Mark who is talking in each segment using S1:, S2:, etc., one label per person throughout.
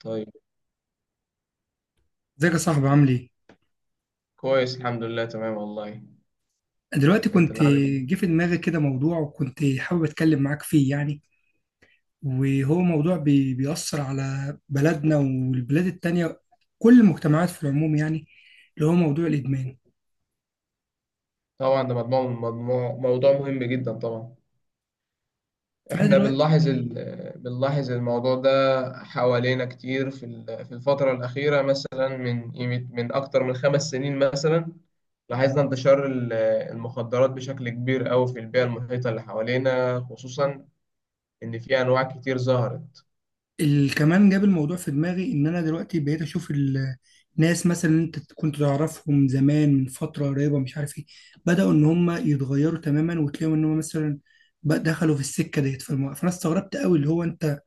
S1: طيب.
S2: ازيك يا صاحبي، عامل ايه؟
S1: كويس الحمد لله، تمام والله.
S2: دلوقتي
S1: انت
S2: كنت
S1: اللي عامل ايه؟
S2: جه في دماغي كده موضوع، وكنت حابب اتكلم معاك فيه يعني. وهو موضوع بيأثر على بلدنا والبلاد التانية، كل المجتمعات في العموم يعني. اللي هو موضوع الإدمان.
S1: طبعا ده مجموع مجموع موضوع مهم جدا طبعا.
S2: فأنا
S1: احنا
S2: دلوقتي
S1: بنلاحظ الموضوع ده حوالينا كتير، في الفترة الأخيرة، مثلا من أكتر من 5 سنين مثلا. لاحظنا انتشار المخدرات بشكل كبير أوي في البيئة المحيطة اللي حوالينا، خصوصا إن في أنواع كتير ظهرت.
S2: كمان جاب الموضوع في دماغي إن أنا دلوقتي بقيت أشوف الناس مثلا، اللي أنت كنت تعرفهم زمان من فترة قريبة مش عارف ايه، بدأوا إن هم يتغيروا تماما، وتلاقيهم إن هم مثلا بقى دخلوا في السكة ديت. فأنا استغربت قوي اللي هو أنت،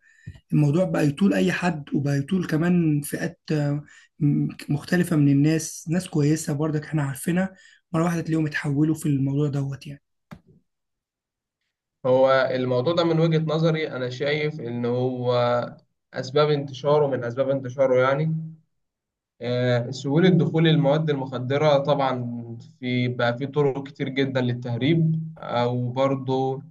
S2: الموضوع بقى يطول اي حد، وبقى يطول كمان فئات مختلفة من الناس، ناس كويسة برضك احنا عارفينها، مرة واحدة تلاقيهم اتحولوا في الموضوع دوت يعني.
S1: هو الموضوع ده من وجهة نظري أنا شايف إن هو أسباب انتشاره، من أسباب انتشاره يعني سهولة دخول المواد المخدرة طبعا، في بقى في طرق كتير جدا للتهريب، أو برضو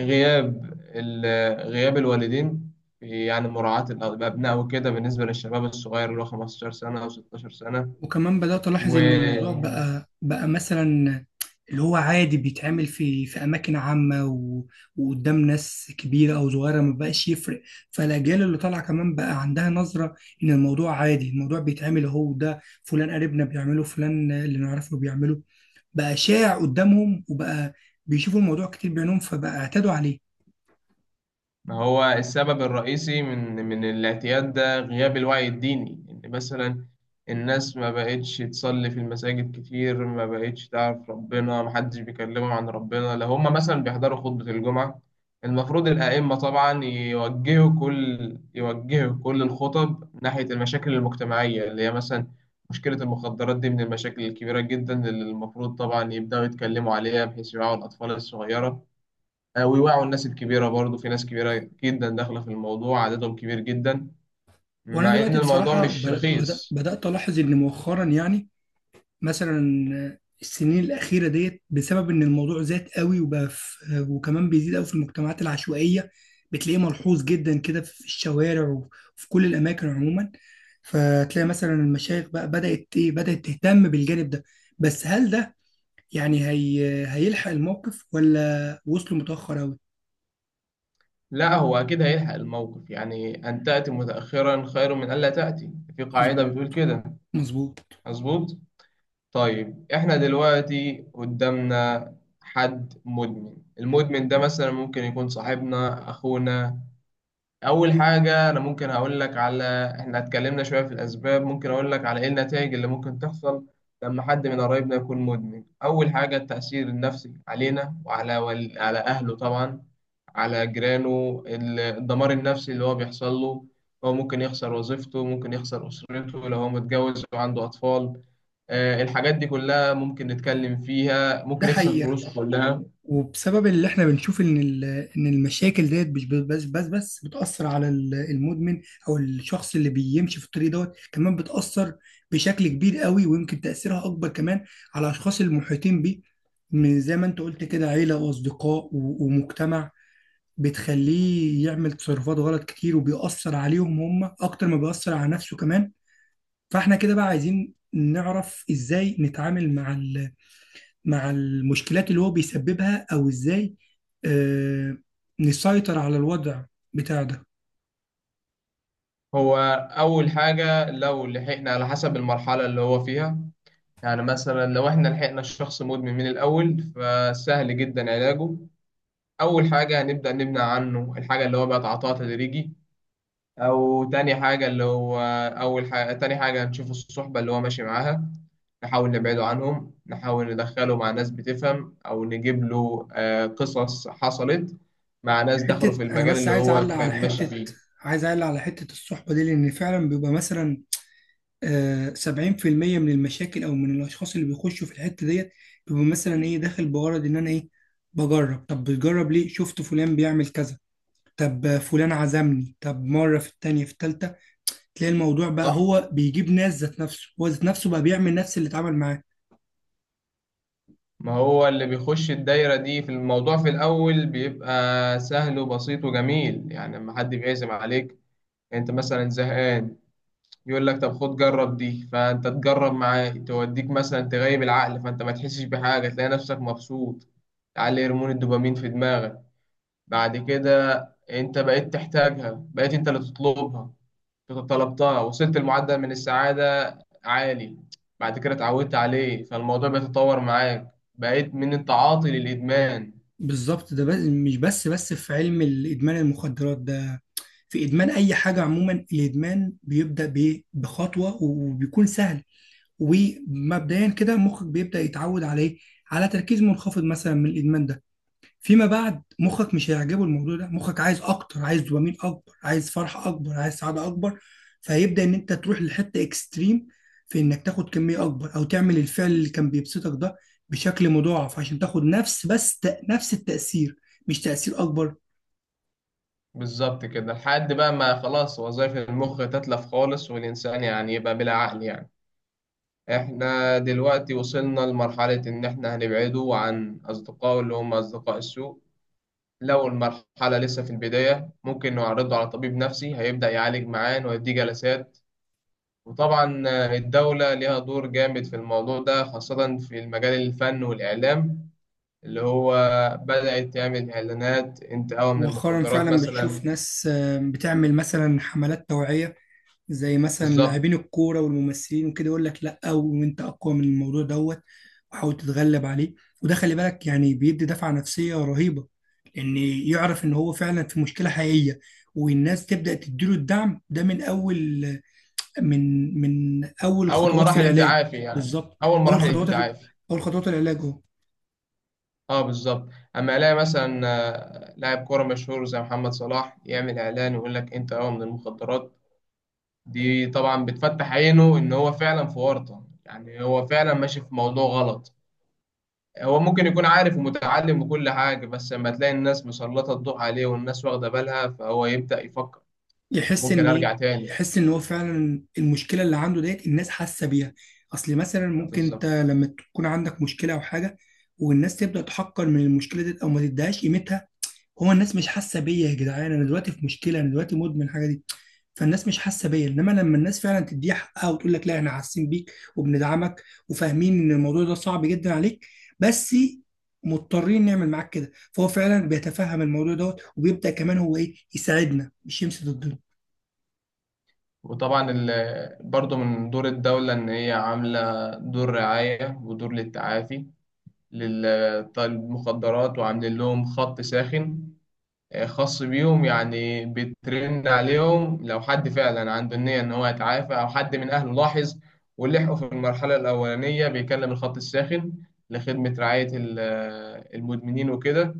S1: غياب غياب الوالدين في- يعني مراعاة الأبناء وكده، بالنسبة للشباب الصغير اللي هو 15 سنة أو 16 سنة.
S2: وكمان بدأت ألاحظ إن الموضوع بقى مثلا اللي هو عادي، بيتعمل في أماكن عامة، و... وقدام ناس كبيرة أو صغيرة، ما بقاش يفرق. فالأجيال اللي طالعة كمان بقى عندها نظرة إن الموضوع عادي، الموضوع بيتعمل أهو، ده فلان قريبنا بيعمله، فلان اللي نعرفه بيعمله، بقى شائع قدامهم، وبقى بيشوفوا الموضوع كتير بعينهم، فبقى اعتادوا عليه.
S1: ما هو السبب الرئيسي من الاعتياد ده غياب الوعي الديني، إن مثلا الناس ما بقتش تصلي في المساجد كتير، ما بقتش تعرف ربنا، ما حدش بيكلمهم عن ربنا. لو هم مثلا بيحضروا خطبة الجمعة، المفروض الأئمة طبعا يوجهوا كل الخطب ناحية المشاكل المجتمعية اللي هي مثلا مشكلة المخدرات دي، من المشاكل الكبيرة جدا اللي المفروض طبعا يبدأوا يتكلموا عليها، بحيث يوعوا الأطفال الصغيرة. ويوعوا الناس الكبيرة برضو، في ناس كبيرة جدا داخلة في الموضوع، عددهم كبير جدا،
S2: وأنا
S1: مع إن
S2: دلوقتي
S1: الموضوع
S2: بصراحة
S1: مش رخيص.
S2: بدأت ألاحظ إن مؤخرا يعني، مثلا السنين الأخيرة ديت، بسبب إن الموضوع زاد قوي وبقى في، وكمان بيزيد قوي في المجتمعات العشوائية، بتلاقيه ملحوظ جدا كده في الشوارع وفي كل الأماكن عموما. فتلاقي مثلا المشايخ بقى بدأت تهتم بالجانب ده. بس هل ده يعني هي هيلحق الموقف ولا وصلوا متأخر قوي؟
S1: لا، هو أكيد هيلحق الموقف. يعني أن تأتي متأخرا خير من ألا تأتي، في قاعدة
S2: مظبوط.
S1: بتقول كده.
S2: مظبوط.
S1: مظبوط. طيب إحنا دلوقتي قدامنا حد مدمن. المدمن ده مثلا ممكن يكون صاحبنا، أخونا. اول حاجه انا ممكن هقول لك على، احنا اتكلمنا شويه في الاسباب، ممكن اقول لك على ايه النتائج اللي ممكن تحصل لما حد من قرايبنا يكون مدمن. اول حاجه التاثير النفسي علينا، على اهله طبعا، على جيرانه، الدمار النفسي اللي هو بيحصل له. هو ممكن يخسر وظيفته، ممكن يخسر اسرته لو هو متجوز وعنده اطفال. الحاجات دي كلها ممكن نتكلم فيها،
S2: ده
S1: ممكن يخسر
S2: حقيقة.
S1: فلوسه كلها.
S2: وبسبب اللي احنا بنشوف ان ان المشاكل ديت مش بس بتأثر على المدمن او الشخص اللي بيمشي في الطريق دوت، كمان بتأثر بشكل كبير قوي، ويمكن تأثيرها اكبر كمان على الاشخاص المحيطين بيه. من زي ما انت قلت كده، عيلة واصدقاء ومجتمع، بتخليه يعمل تصرفات غلط كتير، وبيأثر عليهم هم اكتر ما بيأثر على نفسه كمان. فاحنا كده بقى عايزين نعرف ازاي نتعامل مع مع المشكلات اللي هو بيسببها، او ازاي آه، نسيطر على الوضع بتاع ده.
S1: هو اول حاجه لو لحقنا على حسب المرحله اللي هو فيها، يعني مثلا لو احنا لحقنا الشخص مدمن من الأول فسهل جدا علاجه. أول حاجة هنبدأ نمنع عنه الحاجة اللي هو بيتعاطاها تدريجي. أو تاني حاجة اللي هو أول حاجة تاني حاجة هنشوف الصحبة اللي هو ماشي معاها، نحاول نبعده عنهم، نحاول ندخله مع ناس بتفهم، أو نجيب له قصص حصلت مع ناس دخلوا
S2: حتة
S1: في
S2: انا
S1: المجال
S2: بس
S1: اللي
S2: عايز
S1: هو
S2: اعلق على
S1: كان ماشي
S2: حتة
S1: فيه.
S2: عايز اعلق على حتة الصحبة دي، لان فعلا بيبقى مثلا 70% من المشاكل او من الاشخاص اللي بيخشوا في الحتة ديت، بيبقى مثلا ايه داخل بغرض ان انا بجرب. طب بتجرب ليه؟ شفت فلان بيعمل كذا. طب فلان عزمني. طب مرة، في التانية، في التالتة تلاقي الموضوع بقى،
S1: صح؟
S2: هو بيجيب ناس ذات نفسه، هو ذات نفسه بقى بيعمل نفس اللي اتعمل معاه.
S1: ما هو اللي بيخش الدايرة دي في الموضوع في الأول بيبقى سهل وبسيط وجميل، يعني لما حد بيعزم عليك، أنت مثلا زهقان، يقول لك طب خد جرب دي، فأنت تجرب معاه، توديك مثلا تغيب العقل، فأنت ما تحسش بحاجة، تلاقي نفسك مبسوط، تعلي هرمون الدوبامين في دماغك. بعد كده أنت بقيت تحتاجها، بقيت أنت اللي تطلبها، طلبتها، وصلت لمعدل من السعادة عالي. بعد كده اتعودت عليه، فالموضوع بيتطور معاك، بقيت من التعاطي للإدمان.
S2: بالظبط. ده بس مش بس في علم الادمان المخدرات ده، في ادمان اي حاجه عموما. الادمان بيبدا بايه؟ بخطوه، وبيكون سهل. ومبدئيا كده مخك بيبدا يتعود عليه على تركيز منخفض مثلا من الادمان ده. فيما بعد مخك مش هيعجبه الموضوع ده، مخك عايز اكتر، عايز دوبامين اكبر، عايز فرحه اكبر، عايز سعاده اكبر. فهيبدا ان انت تروح لحته اكستريم، في انك تاخد كميه اكبر او تعمل الفعل اللي كان بيبسطك ده بشكل مضاعف، عشان تاخد نفس بس نفس التاثير، مش تاثير اكبر.
S1: بالظبط كده، لحد بقى ما خلاص وظائف المخ تتلف خالص، والإنسان يعني يبقى بلا عقل يعني. احنا دلوقتي وصلنا لمرحلة إن احنا هنبعده عن أصدقائه اللي هم أصدقاء السوء. لو المرحلة لسه في البداية، ممكن نعرضه على طبيب نفسي، هيبدأ يعالج معاه ويديه جلسات. وطبعا الدولة ليها دور جامد في الموضوع ده، خاصة في المجال الفن والإعلام، اللي هو بدأت تعمل إعلانات انتقاء من
S2: مؤخرا
S1: المخدرات
S2: فعلا
S1: مثلا.
S2: بتشوف ناس بتعمل مثلا حملات توعيه، زي مثلا
S1: بالظبط.
S2: لاعبين الكوره والممثلين وكده، يقول لك لا، وانت اقوى من الموضوع دوت، وحاول تتغلب عليه. وده خلي بالك يعني بيدي دفعة نفسية رهيبة، لأن يعرف إن هو فعلا في مشكلة حقيقية، والناس تبدأ تديله الدعم ده من أول، من أول
S1: أول
S2: خطوات في
S1: مراحل
S2: العلاج.
S1: التعافي يعني،
S2: بالظبط.
S1: أول
S2: أول
S1: مراحل
S2: خطوات
S1: التعافي.
S2: أول خطوات العلاج أهو.
S1: اه بالظبط. أما ألاقي مثلا لاعب كورة مشهور زي محمد صلاح يعمل إعلان ويقول لك انتقاء من المخدرات، دي طبعا بتفتح عينه إن هو فعلا في ورطة، يعني هو فعلا ماشي في موضوع غلط. هو ممكن يكون عارف ومتعلم وكل حاجة، بس لما تلاقي الناس مسلطة الضوء عليه والناس واخدة بالها، فهو يبدأ يفكر. أنا ممكن أرجع تاني.
S2: يحس إن هو فعلا المشكلة اللي عنده ديت الناس حاسة بيها. أصل مثلا ممكن أنت
S1: بالظبط.
S2: لما تكون عندك مشكلة أو حاجة، والناس تبدأ تحقر من المشكلة ديت أو ما تديهاش قيمتها، هو الناس مش حاسه بيا، يا جدعان انا دلوقتي في مشكله، انا دلوقتي مدمن الحاجه دي، فالناس مش حاسه بيا. انما لما الناس فعلا تديها حقها وتقول لك لا، احنا حاسين بيك وبندعمك، وفاهمين ان الموضوع ده صعب جدا عليك، بس مضطرين نعمل معاك كده، فهو فعلا بيتفهم الموضوع دوت، وبيبدا كمان هو يساعدنا، مش يمشي ضدنا.
S1: وطبعا برضه من دور الدولة إن هي عاملة دور رعاية ودور للتعافي للمخدرات، وعاملين لهم خط ساخن خاص بيهم، يعني بيترن عليهم لو حد فعلا عنده النية إن هو يتعافى، أو حد من أهله لاحظ ولحقه في المرحلة الأولانية، بيكلم الخط الساخن لخدمة رعاية المدمنين وكده.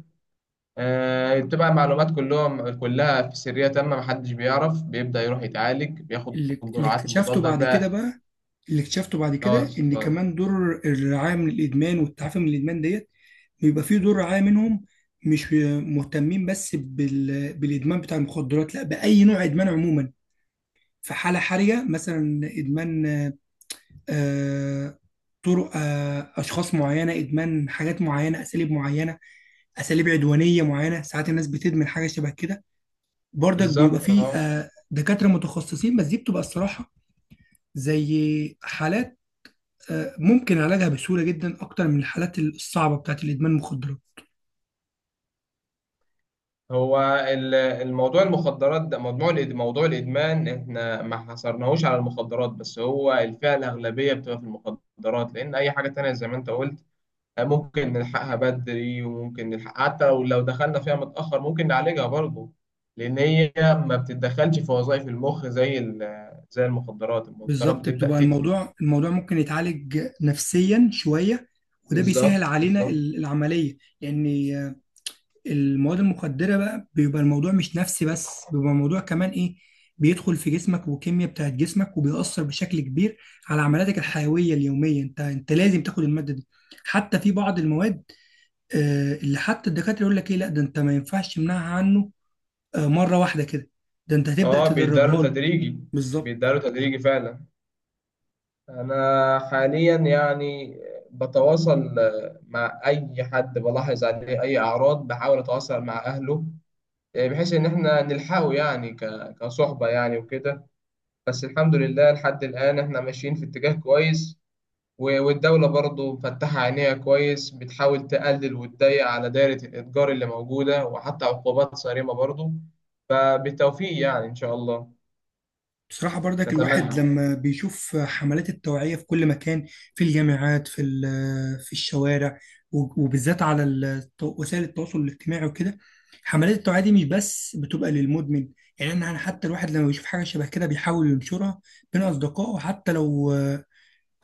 S1: بتبقى معلومات كلها في سرية تامة، محدش بيعرف، بيبدأ يروح يتعالج، بياخد
S2: اللي
S1: الجرعات
S2: اكتشفته
S1: المضادة
S2: بعد كده
S1: بقى.
S2: بقى، اللي اكتشفته بعد كده، ان
S1: اه
S2: كمان دور الرعايه من الادمان والتعافي من الادمان ديت، بيبقى فيه دور رعاية منهم، مش مهتمين بس بالإدمان بتاع المخدرات، لا بأي نوع إدمان عموما. في حالة حرجة مثلا، إدمان آه، طرق، أشخاص معينة، إدمان حاجات معينة، أساليب معينة، أساليب عدوانية معينة، ساعات الناس بتدمن حاجة شبه كده. برضك بيبقى
S1: بالظبط.
S2: فيه
S1: اه
S2: دكاترة متخصصين، بس دي بتبقى الصراحة زي حالات ممكن علاجها بسهولة جدا أكتر من الحالات الصعبة بتاعت الإدمان المخدرات.
S1: هو الموضوع المخدرات ده، موضوع الإدمان، احنا ما حصرناهوش على المخدرات بس، هو الفئة الأغلبية بتبقى في المخدرات، لأن أي حاجة تانية زي ما أنت قلت ممكن نلحقها بدري، وممكن نلحق حتى لو دخلنا فيها متأخر ممكن نعالجها برضه، لأن هي ما بتتدخلش في وظائف المخ زي المخدرات، المخدرات
S2: بالظبط،
S1: بتبدأ
S2: بتبقى
S1: تتلف.
S2: الموضوع ممكن يتعالج نفسيا شوية، وده بيسهل
S1: بالظبط،
S2: علينا
S1: بالظبط.
S2: العملية. لأن آه، المواد المخدرة بقى، بيبقى الموضوع مش نفسي بس، بيبقى الموضوع كمان بيدخل في جسمك والكيمياء بتاعت جسمك، وبيأثر بشكل كبير على عملياتك الحيوية اليومية. أنت لازم تاخد المادة دي حتى، في بعض المواد اللي حتى الدكاترة يقول لك إيه، لا ده أنت ما ينفعش تمنعها عنه مرة واحدة كده، ده انت هتبدأ
S1: اه، بيداله
S2: تدرجها له.
S1: تدريجي
S2: بالظبط.
S1: بيداله تدريجي فعلا. أنا حاليا يعني بتواصل مع أي حد بلاحظ عليه أي أعراض، بحاول أتواصل مع أهله، يعني بحيث إن إحنا نلحقه يعني كصحبة يعني وكده. بس الحمد لله لحد الآن إحنا ماشيين في اتجاه كويس، والدولة برضه مفتحة عينيها كويس، بتحاول تقلل وتضيق على دائرة الإتجار اللي موجودة، وحتى عقوبات صارمة برضه. فبالتوفيق يعني إن شاء الله.
S2: بصراحة برضك، الواحد
S1: نتمنى
S2: لما بيشوف حملات التوعية في كل مكان، في الجامعات، في الشوارع، وبالذات على وسائل التواصل الاجتماعي وكده، حملات التوعية دي مش بس بتبقى للمدمن، يعني أنا حتى الواحد لما بيشوف حاجة شبه كده بيحاول ينشرها بين أصدقائه، حتى لو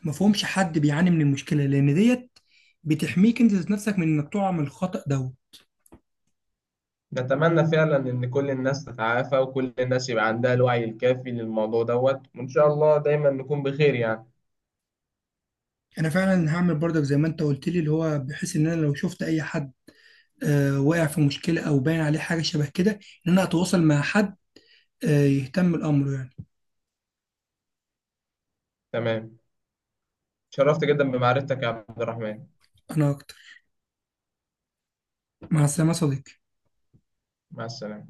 S2: ما فهمش، حد بيعاني من المشكلة، لأن ديت بتحميك أنت ذات نفسك من إنك تقع من الخطأ ده.
S1: نتمنى فعلا ان كل الناس تتعافى، وكل الناس يبقى عندها الوعي الكافي للموضوع دوت، وان شاء الله دايما نكون بخير يعني.
S2: انا فعلا هعمل برضك زي ما انت قلت لي، اللي هو بحيث ان انا لو شفت اي حد واقع في مشكله او باين عليه حاجه شبه كده، ان انا اتواصل مع حد يهتم الامر يعني.
S1: تمام، شرفت جدا بمعرفتك يا عبد الرحمن.
S2: انا اكتر. مع السلامه يا صديقي.
S1: مع السلامة.